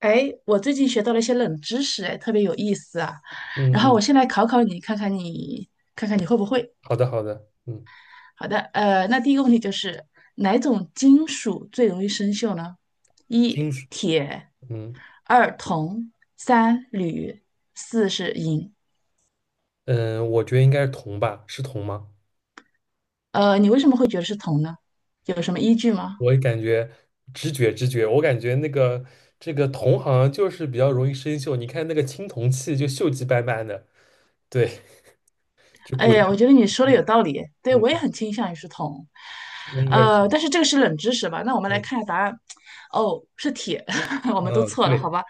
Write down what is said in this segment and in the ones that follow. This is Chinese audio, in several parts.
哎，我最近学到了一些冷知识，哎，特别有意思啊。然嗯后我嗯，先来考考你，看看你会不会。好的好的。嗯好的，那第一个问题就是哪种金属最容易生锈呢？一金属。铁，嗯二铜，三铝，四是银。嗯，我觉得应该是铜吧，是铜吗？你为什么会觉得是铜呢？有什么依据吗？我也感觉直觉直觉，我感觉那个这个铜好像就是比较容易生锈，你看那个青铜器就锈迹斑斑的，对，就古哎，代。我觉得你说的嗯，有道理，对，嗯我也很倾向于是铜，那应该是。呃，但是这个是冷知识吧？那我们来嗯看一下答案，哦，是铁，我们都嗯，错了，好对吧？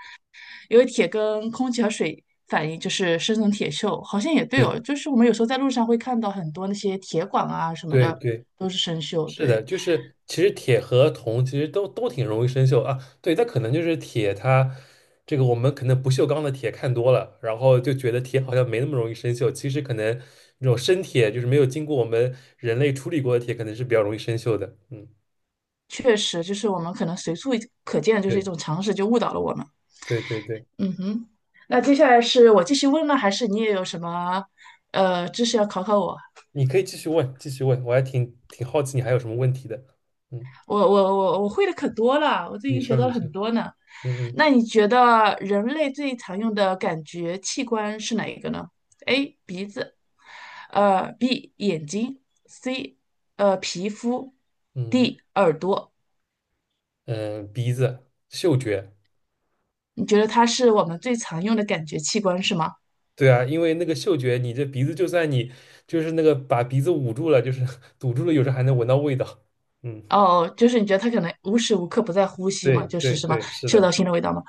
因为铁跟空气和水反应就是生成铁锈，好像也对对哦，就是我们有时候在路上会看到很多那些铁管啊什么对的对，都是生锈，是的，对，就是其实铁和铜其实都挺容易生锈啊。对，它可能就是铁它这个我们可能不锈钢的铁看多了，然后就觉得铁好像没那么容易生锈。其实可能那种生铁就是没有经过我们人类处理过的铁，可能是比较容易生锈的。嗯，确实就是我们可能随处可见的就是一对种常识，就误导了我们。对对对。嗯哼，那接下来是我继续问呢，还是你也有什么知识要考考我？你可以继续问，继续问，我还挺好奇你还有什么问题的。嗯，我会的可多了，我最你近学说到你了说。很多呢。嗯嗯那你觉得人类最常用的感觉器官是哪一个呢？A. 鼻子，B. 眼睛，C. 皮肤嗯，D. 耳朵。嗯，鼻子嗅觉。你觉得它是我们最常用的感觉器官是吗？对啊，因为那个嗅觉，你这鼻子就算你就是那个把鼻子捂住了，就是 堵住了，有时候还能闻到味道。嗯，哦，就是你觉得它可能无时无刻不在呼吸对嘛，就对是什么对，是嗅到的。新的味道嘛。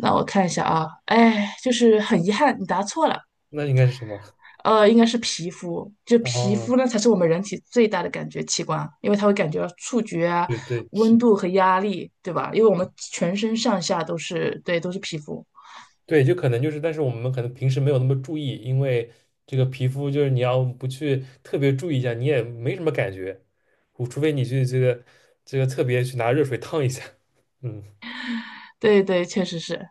那我看一下啊，哎，就是很遗憾，你答错了。那应该是什么？应该是皮肤，就 皮哦，肤呢才是我们人体最大的感觉器官，因为它会感觉到触觉啊、对对是。温度和压力，对吧？因为我们全身上下都是，对，都是皮肤。对，就可能就是，但是我们可能平时没有那么注意，因为这个皮肤就是你要不去特别注意一下，你也没什么感觉，除非你去这个特别去拿热水烫一下。嗯对对，确实是。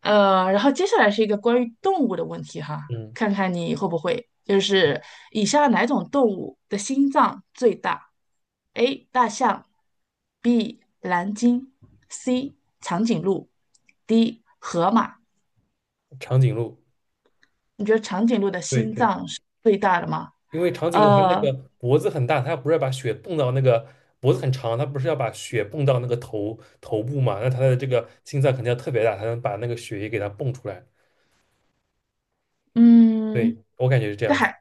然后接下来是一个关于动物的问题哈，嗯，看看你会不会，就是以下哪种动物的心脏最大？A. 大象，B. 蓝鲸，C. 长颈鹿，D. 河马。长颈鹿。你觉得长颈鹿的对心对。脏是最大的吗？因为长颈鹿它那呃，个脖子很大，它不是要把血泵到那个脖子很长，它不是要把血泵到那个头部嘛？那它的这个心脏肯定要特别大，才能把那个血液给它泵出来。对，嗯，我感觉是这但样子。海，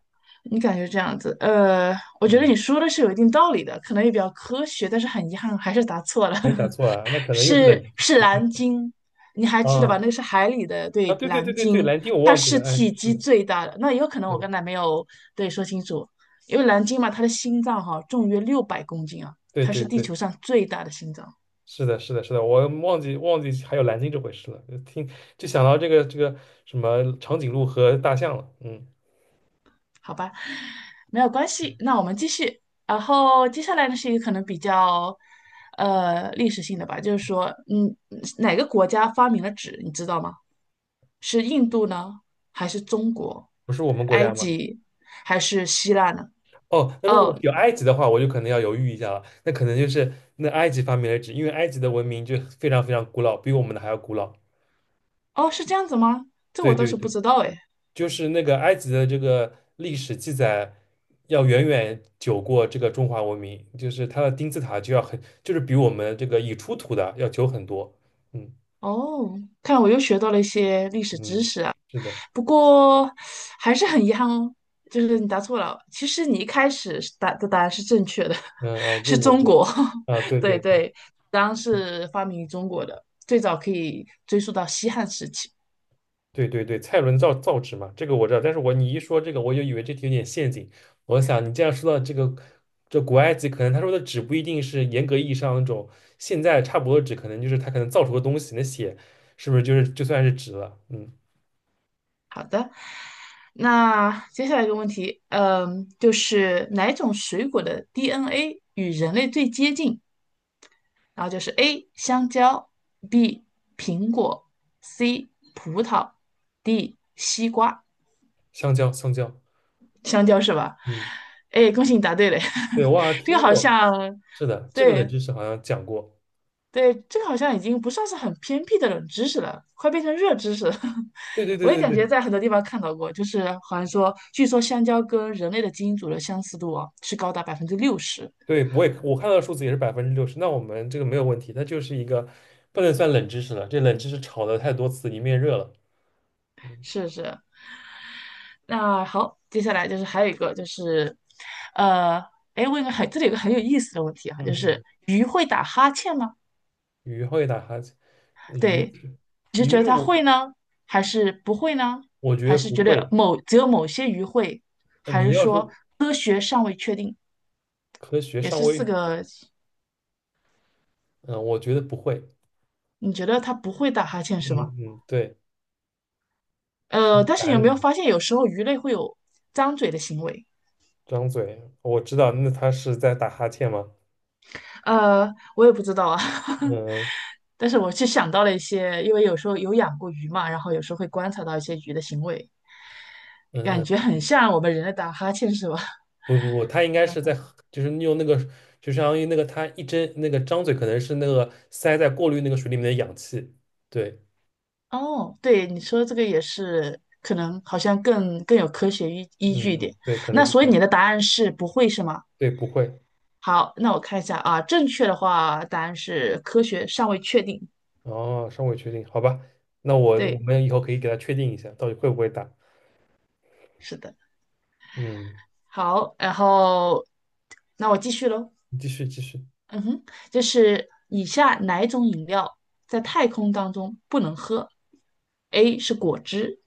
你感觉这样子，我觉得嗯，你说的是有一定道理的，可能也比较科学，但是很遗憾还是答错了，哎，打 错了，那可能又是冷是知识。是蓝鲸，你还记得吧？啊那个是海里的，啊！对，对对蓝对对对，鲸，蓝鲸我它忘记是了。哎，体是积的，最大的。那也有可能是我的，刚才没有对说清楚，因为蓝鲸嘛，它的心脏哈、重约600公斤啊，对它是对地对，球上最大的心脏。是的，是的，是的，我忘记还有蓝鲸这回事了，就想到这个什么长颈鹿和大象了。嗯，好吧，没有关系。那我们继续。然后接下来呢是一个可能比较，历史性的吧，就是说，嗯，哪个国家发明了纸，你知道吗？是印度呢，还是中国、不是我们国埃家吗？及，还是希腊呢？哦，那如果哦有埃及的话，我就可能要犹豫一下了。那可能就是那埃及发明了纸，因为埃及的文明就非常非常古老，比我们的还要古老。哦，是这样子吗？这对我倒对是不对，知道哎。就是那个埃及的这个历史记载要远远久过这个中华文明，就是它的金字塔就要很，就是比我们这个已出土的要久很多。嗯哦，看来我又学到了一些历史知嗯，识啊。是的。不过还是很遗憾哦，就是你答错了。其实你一开始是答的答案是正确的，嗯啊，就是我中国国。啊，对对对对。对，当然是发明于中国的，最早可以追溯到西汉时期。对对对，蔡伦造纸嘛，这个我知道。但是你一说这个，我就以为这题有点陷阱。我想你这样说到这个，这古埃及可能他说的纸不一定是严格意义上那种现在差不多的纸，可能就是他可能造出的东西，那血是不是就是就算是纸了？嗯，好的，那接下来一个问题，嗯，就是哪种水果的 DNA 与人类最接近？然后就是 A 香蕉，B 苹果，C 葡萄，D 西瓜。香蕉，香蕉。香蕉是吧？嗯，哎，恭喜你答对了。对，我好像这个听好过，像，是的，这个冷对知识好像讲过。对，这个好像已经不算是很偏僻的冷知识了，快变成热知识了。对对对我也对感对觉在很多地方看到过，就是好像说，据说香蕉跟人类的基因组的相似度啊，是高达60%。对，我看到的数字也是60%，那我们这个没有问题，它就是一个不能算冷知识了，这冷知识炒的太多次，你面热了。嗯是是，那好，接下来就是还有一个就是，呃，哎，问一个很，这里有个很有意思的问题啊，就嗯。是鱼会打哈欠吗？鱼会打哈欠。呃鱼对，你是觉鱼得它我会呢，还是不会呢？我觉还得是不觉得会。某只有某些鱼会，还你是要说说科学尚未确定？科学也上是四位。个，嗯，我觉得不会。你觉得它不会打哈欠是吗？嗯嗯，对，是，但答是你案有是没有什么？发现有时候鱼类会有张嘴的行为？张嘴，我知道，那他是在打哈欠吗？我也不知道啊。嗯但是我是想到了一些，因为有时候有养过鱼嘛，然后有时候会观察到一些鱼的行为，嗯感嗯，觉很像我们人类打哈欠，是吧？不不不，他应 该这样是子在就是用那个，就相当于那个他一睁那个张嘴，可能是那个塞在过滤那个水里面的氧气。对。哦，对，你说这个也是，可能好像更有科学依据一嗯，点。对，可能那是所这以样。你的答案是不会是吗？对，不会。好，那我看一下啊，正确的话答案是科学尚未确定。哦，尚未确定，好吧。那我我对，们以后可以给他确定一下，到底会不会打。是的。嗯，好，然后那我继续喽。你继续，嗯哼，就是以下哪一种饮料在太空当中不能喝？A 是果汁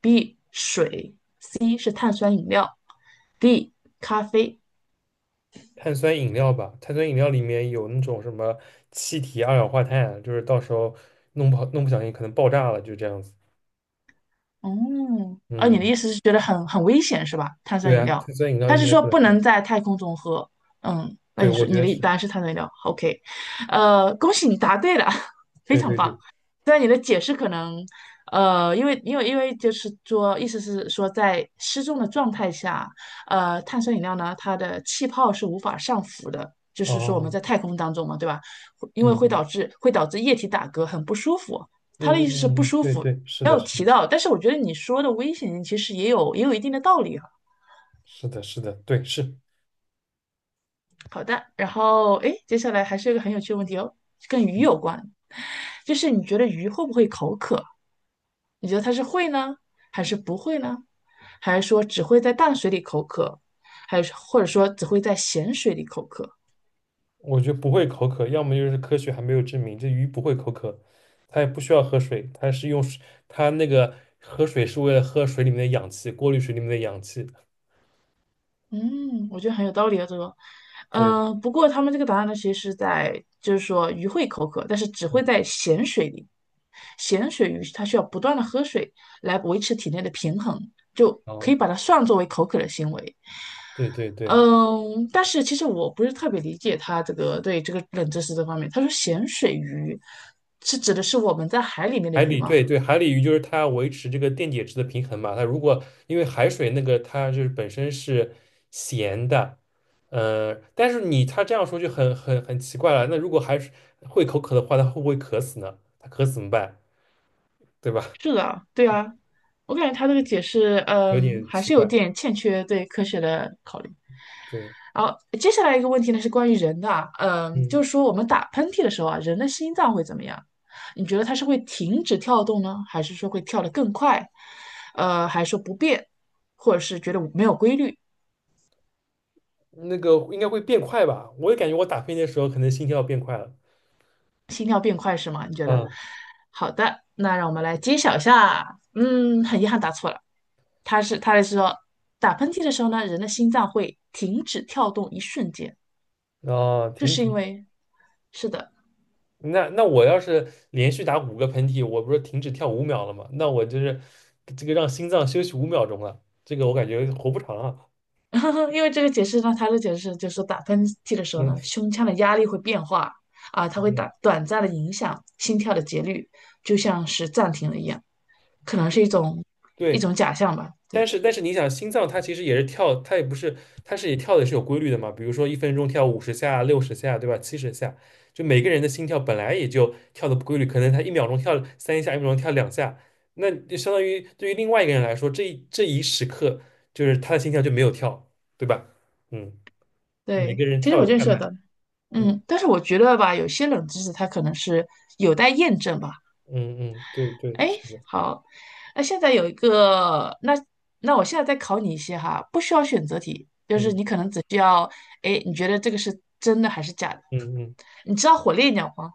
，B 水是碳酸饮料，D 咖啡。碳酸饮料吧，碳酸饮料里面有那种什么气体二氧化碳，就是到时候弄不小心可能爆炸了，就这样子。哦，啊，你嗯，的意思是觉得很很危险是吧？碳对酸饮啊，料，碳酸饮料他应是该说不能不喝。能在太空中喝。嗯，那对，你我说觉你得的是。答案是碳酸饮料，OK，恭喜你答对了，非对常对棒。对，虽然你的解释可能，因为就是说，意思是说在失重的状态下，碳酸饮料呢，它的气泡是无法上浮的，就是说我哦，们在太空当中嘛，对吧？因为会嗯导致会导致液体打嗝，很不舒服。他嗯的嗯意思是不嗯，舒对服，对，是没的，有是的，提到，但是我觉得你说的危险性其实也有一定的道理哈。是的，是的，对，是。好的，然后哎，接下来还是有一个很有趣的问题哦，跟鱼有关，就是你觉得鱼会不会口渴？你觉得它是会呢，还是不会呢？还是说只会在淡水里口渴，还是或者说只会在咸水里口渴？我觉得不会口渴，要么就是科学还没有证明这鱼不会口渴，它也不需要喝水，它是用水它那个喝水是为了喝水里面的氧气，过滤水里面的氧气。嗯，我觉得很有道理啊，这个，对。嗯，不过他们这个答案呢，其实是在就是说鱼会口渴，但是只嗯，会在咸水里，咸水鱼它需要不断的喝水来维持体内的平衡，就可以哦，把它算作为口渴的行为。对对对，嗯，但是其实我不是特别理解他这个对这个冷知识这方面，他说咸水鱼是指的是我们在海里面的海鱼里，吗？对对，海里鱼就是它维持这个电解质的平衡嘛。它如果因为海水那个它就是本身是咸的，但是你它这样说就很很很奇怪了。那如果海水会口渴的话，它会不会渴死呢？它渴死怎么办？对吧？是的，对啊，我感觉他这个解释，有嗯，点还奇是有怪。点欠缺对科学的考虑。对。好，接下来一个问题呢是关于人的啊，嗯，嗯，就是说我们打喷嚏的时候啊，人的心脏会怎么样？你觉得它是会停止跳动呢，还是说会跳得更快？还是说不变，或者是觉得没有规律，那个应该会变快吧？我也感觉我打喷嚏的时候可能心跳变快了。心跳变快是吗？你觉得？嗯，好的，那让我们来揭晓一下。嗯，很遗憾答错了，他是说打喷嚏的时候呢，人的心脏会停止跳动一瞬间，哦，这停是因止。为，是的，那我要是连续打5个喷嚏，我不是停止跳五秒了吗？那我就是这个让心脏休息5秒钟了，这个我感觉活不长啊。因为这个解释呢，他的解释就是说，打喷嚏的时候嗯，呢，是胸腔的压力会变化啊，它会这样。打短暂的影响心跳的节律，就像是暂停了一样，可能是一种一对，种假象吧。但对是但是你想，心脏它其实也是跳，它也不是，它是也跳的是有规律的嘛。比如说1分钟跳50下、60下，对吧？70下。就每个人的心跳本来也就跳的不规律，可能他一秒钟跳3下，一秒钟跳2下，那就相当于对于另外一个人来说，这一时刻就是他的心跳就没有跳，对吧？嗯。每对，个人其实跳我有认快识慢。的，嗯嗯，但是我觉得吧，有些冷知识它可能是有待验证吧。嗯嗯，对对，是哎，的。好，那现在有一个，那我现在再考你一些哈，不需要选择题，就嗯是你可能只需要，哎，你觉得这个是真的还是假的？嗯嗯，你知道火烈鸟吗？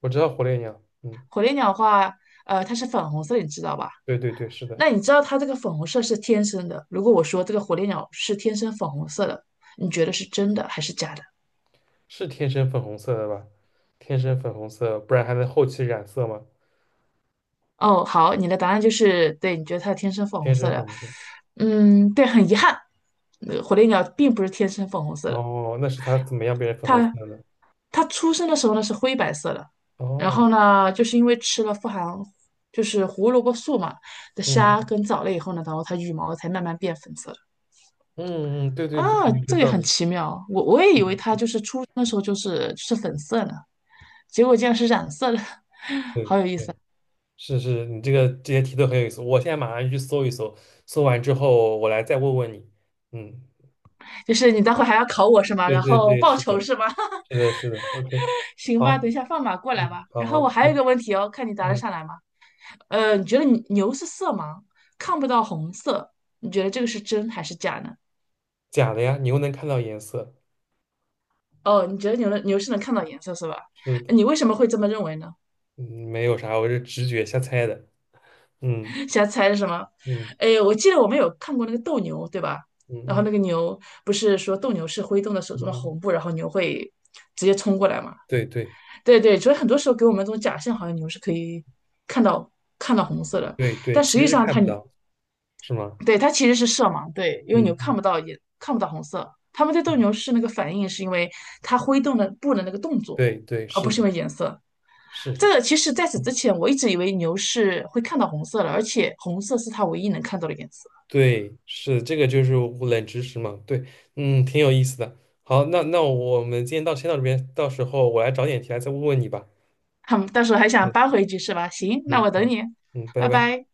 我知道火烈鸟。嗯，火烈鸟的话，它是粉红色，你知道吧？对对对，是的。那你知道它这个粉红色是天生的？如果我说这个火烈鸟是天生粉红色的，你觉得是真的还是假的？是天生粉红色的吧？天生粉红色，不然还能后期染色吗？哦，好，你的答案就是对，你觉得它天生粉红天色生粉的，红色。嗯，对，很遗憾，火烈鸟并不是天生粉红色的。哦，那是它怎么样变成粉红色它的呢。它出生的时候呢是灰白色的，然哦，后呢，就是因为吃了富含就是胡萝卜素嘛的虾嗯跟藻类以后呢，然后它羽毛才慢慢变粉色的。嗯嗯，对对啊，对，有这这个个也道很理，奇妙，我也是以为它的，就是出生的时候就是粉色呢，结果竟然是染色的，对好有意思。对。是是，你这个这些题都很有意思，我现在马上去搜一搜，搜完之后我来再问问你。嗯，就是你待会还要考我是吗？对然对后对，报是仇的，是吗？是的，是的，OK，行吧，好。等一下放马过来嗯，吧。好然后我好。还有一嗯，个问题哦，看你答得嗯上来吗？你觉得牛是色盲，看不到红色，你觉得这个是真还是假呢？假的呀，你又能看到颜色。哦，你觉得牛是能看到颜色是吧？是的。你为什么会这么认为呢？嗯，没有啥，我是直觉瞎猜的。嗯 瞎猜是什么？嗯哎，我记得我们有看过那个斗牛，对吧？然嗯后嗯那个牛不是说斗牛是挥动了手嗯。中的嗯，红布，然后牛会直接冲过来嘛？对对对对，所以很多时候给我们这种假象，好像牛是可以看到看到红色的，对对，但实其际实是上看它不到。是吗？对，它其实是色盲，对，因为牛嗯看不嗯到也看不到红色。他们对斗嗯，牛士那个反应，是因为它挥动的布的那个动作，对对，而是不是的。因为颜色。是。这个其实在此之嗯，前，我一直以为牛是会看到红色的，而且红色是它唯一能看到的颜色。对，是，这个就是我冷知识嘛，对。嗯，挺有意思的。好，那我们今天先到这边，到时候我来找点题来再问问你吧。他们到时候还想嗯扳回一局是吧？行，那嗯，我等好。你，嗯，拜拜拜。拜。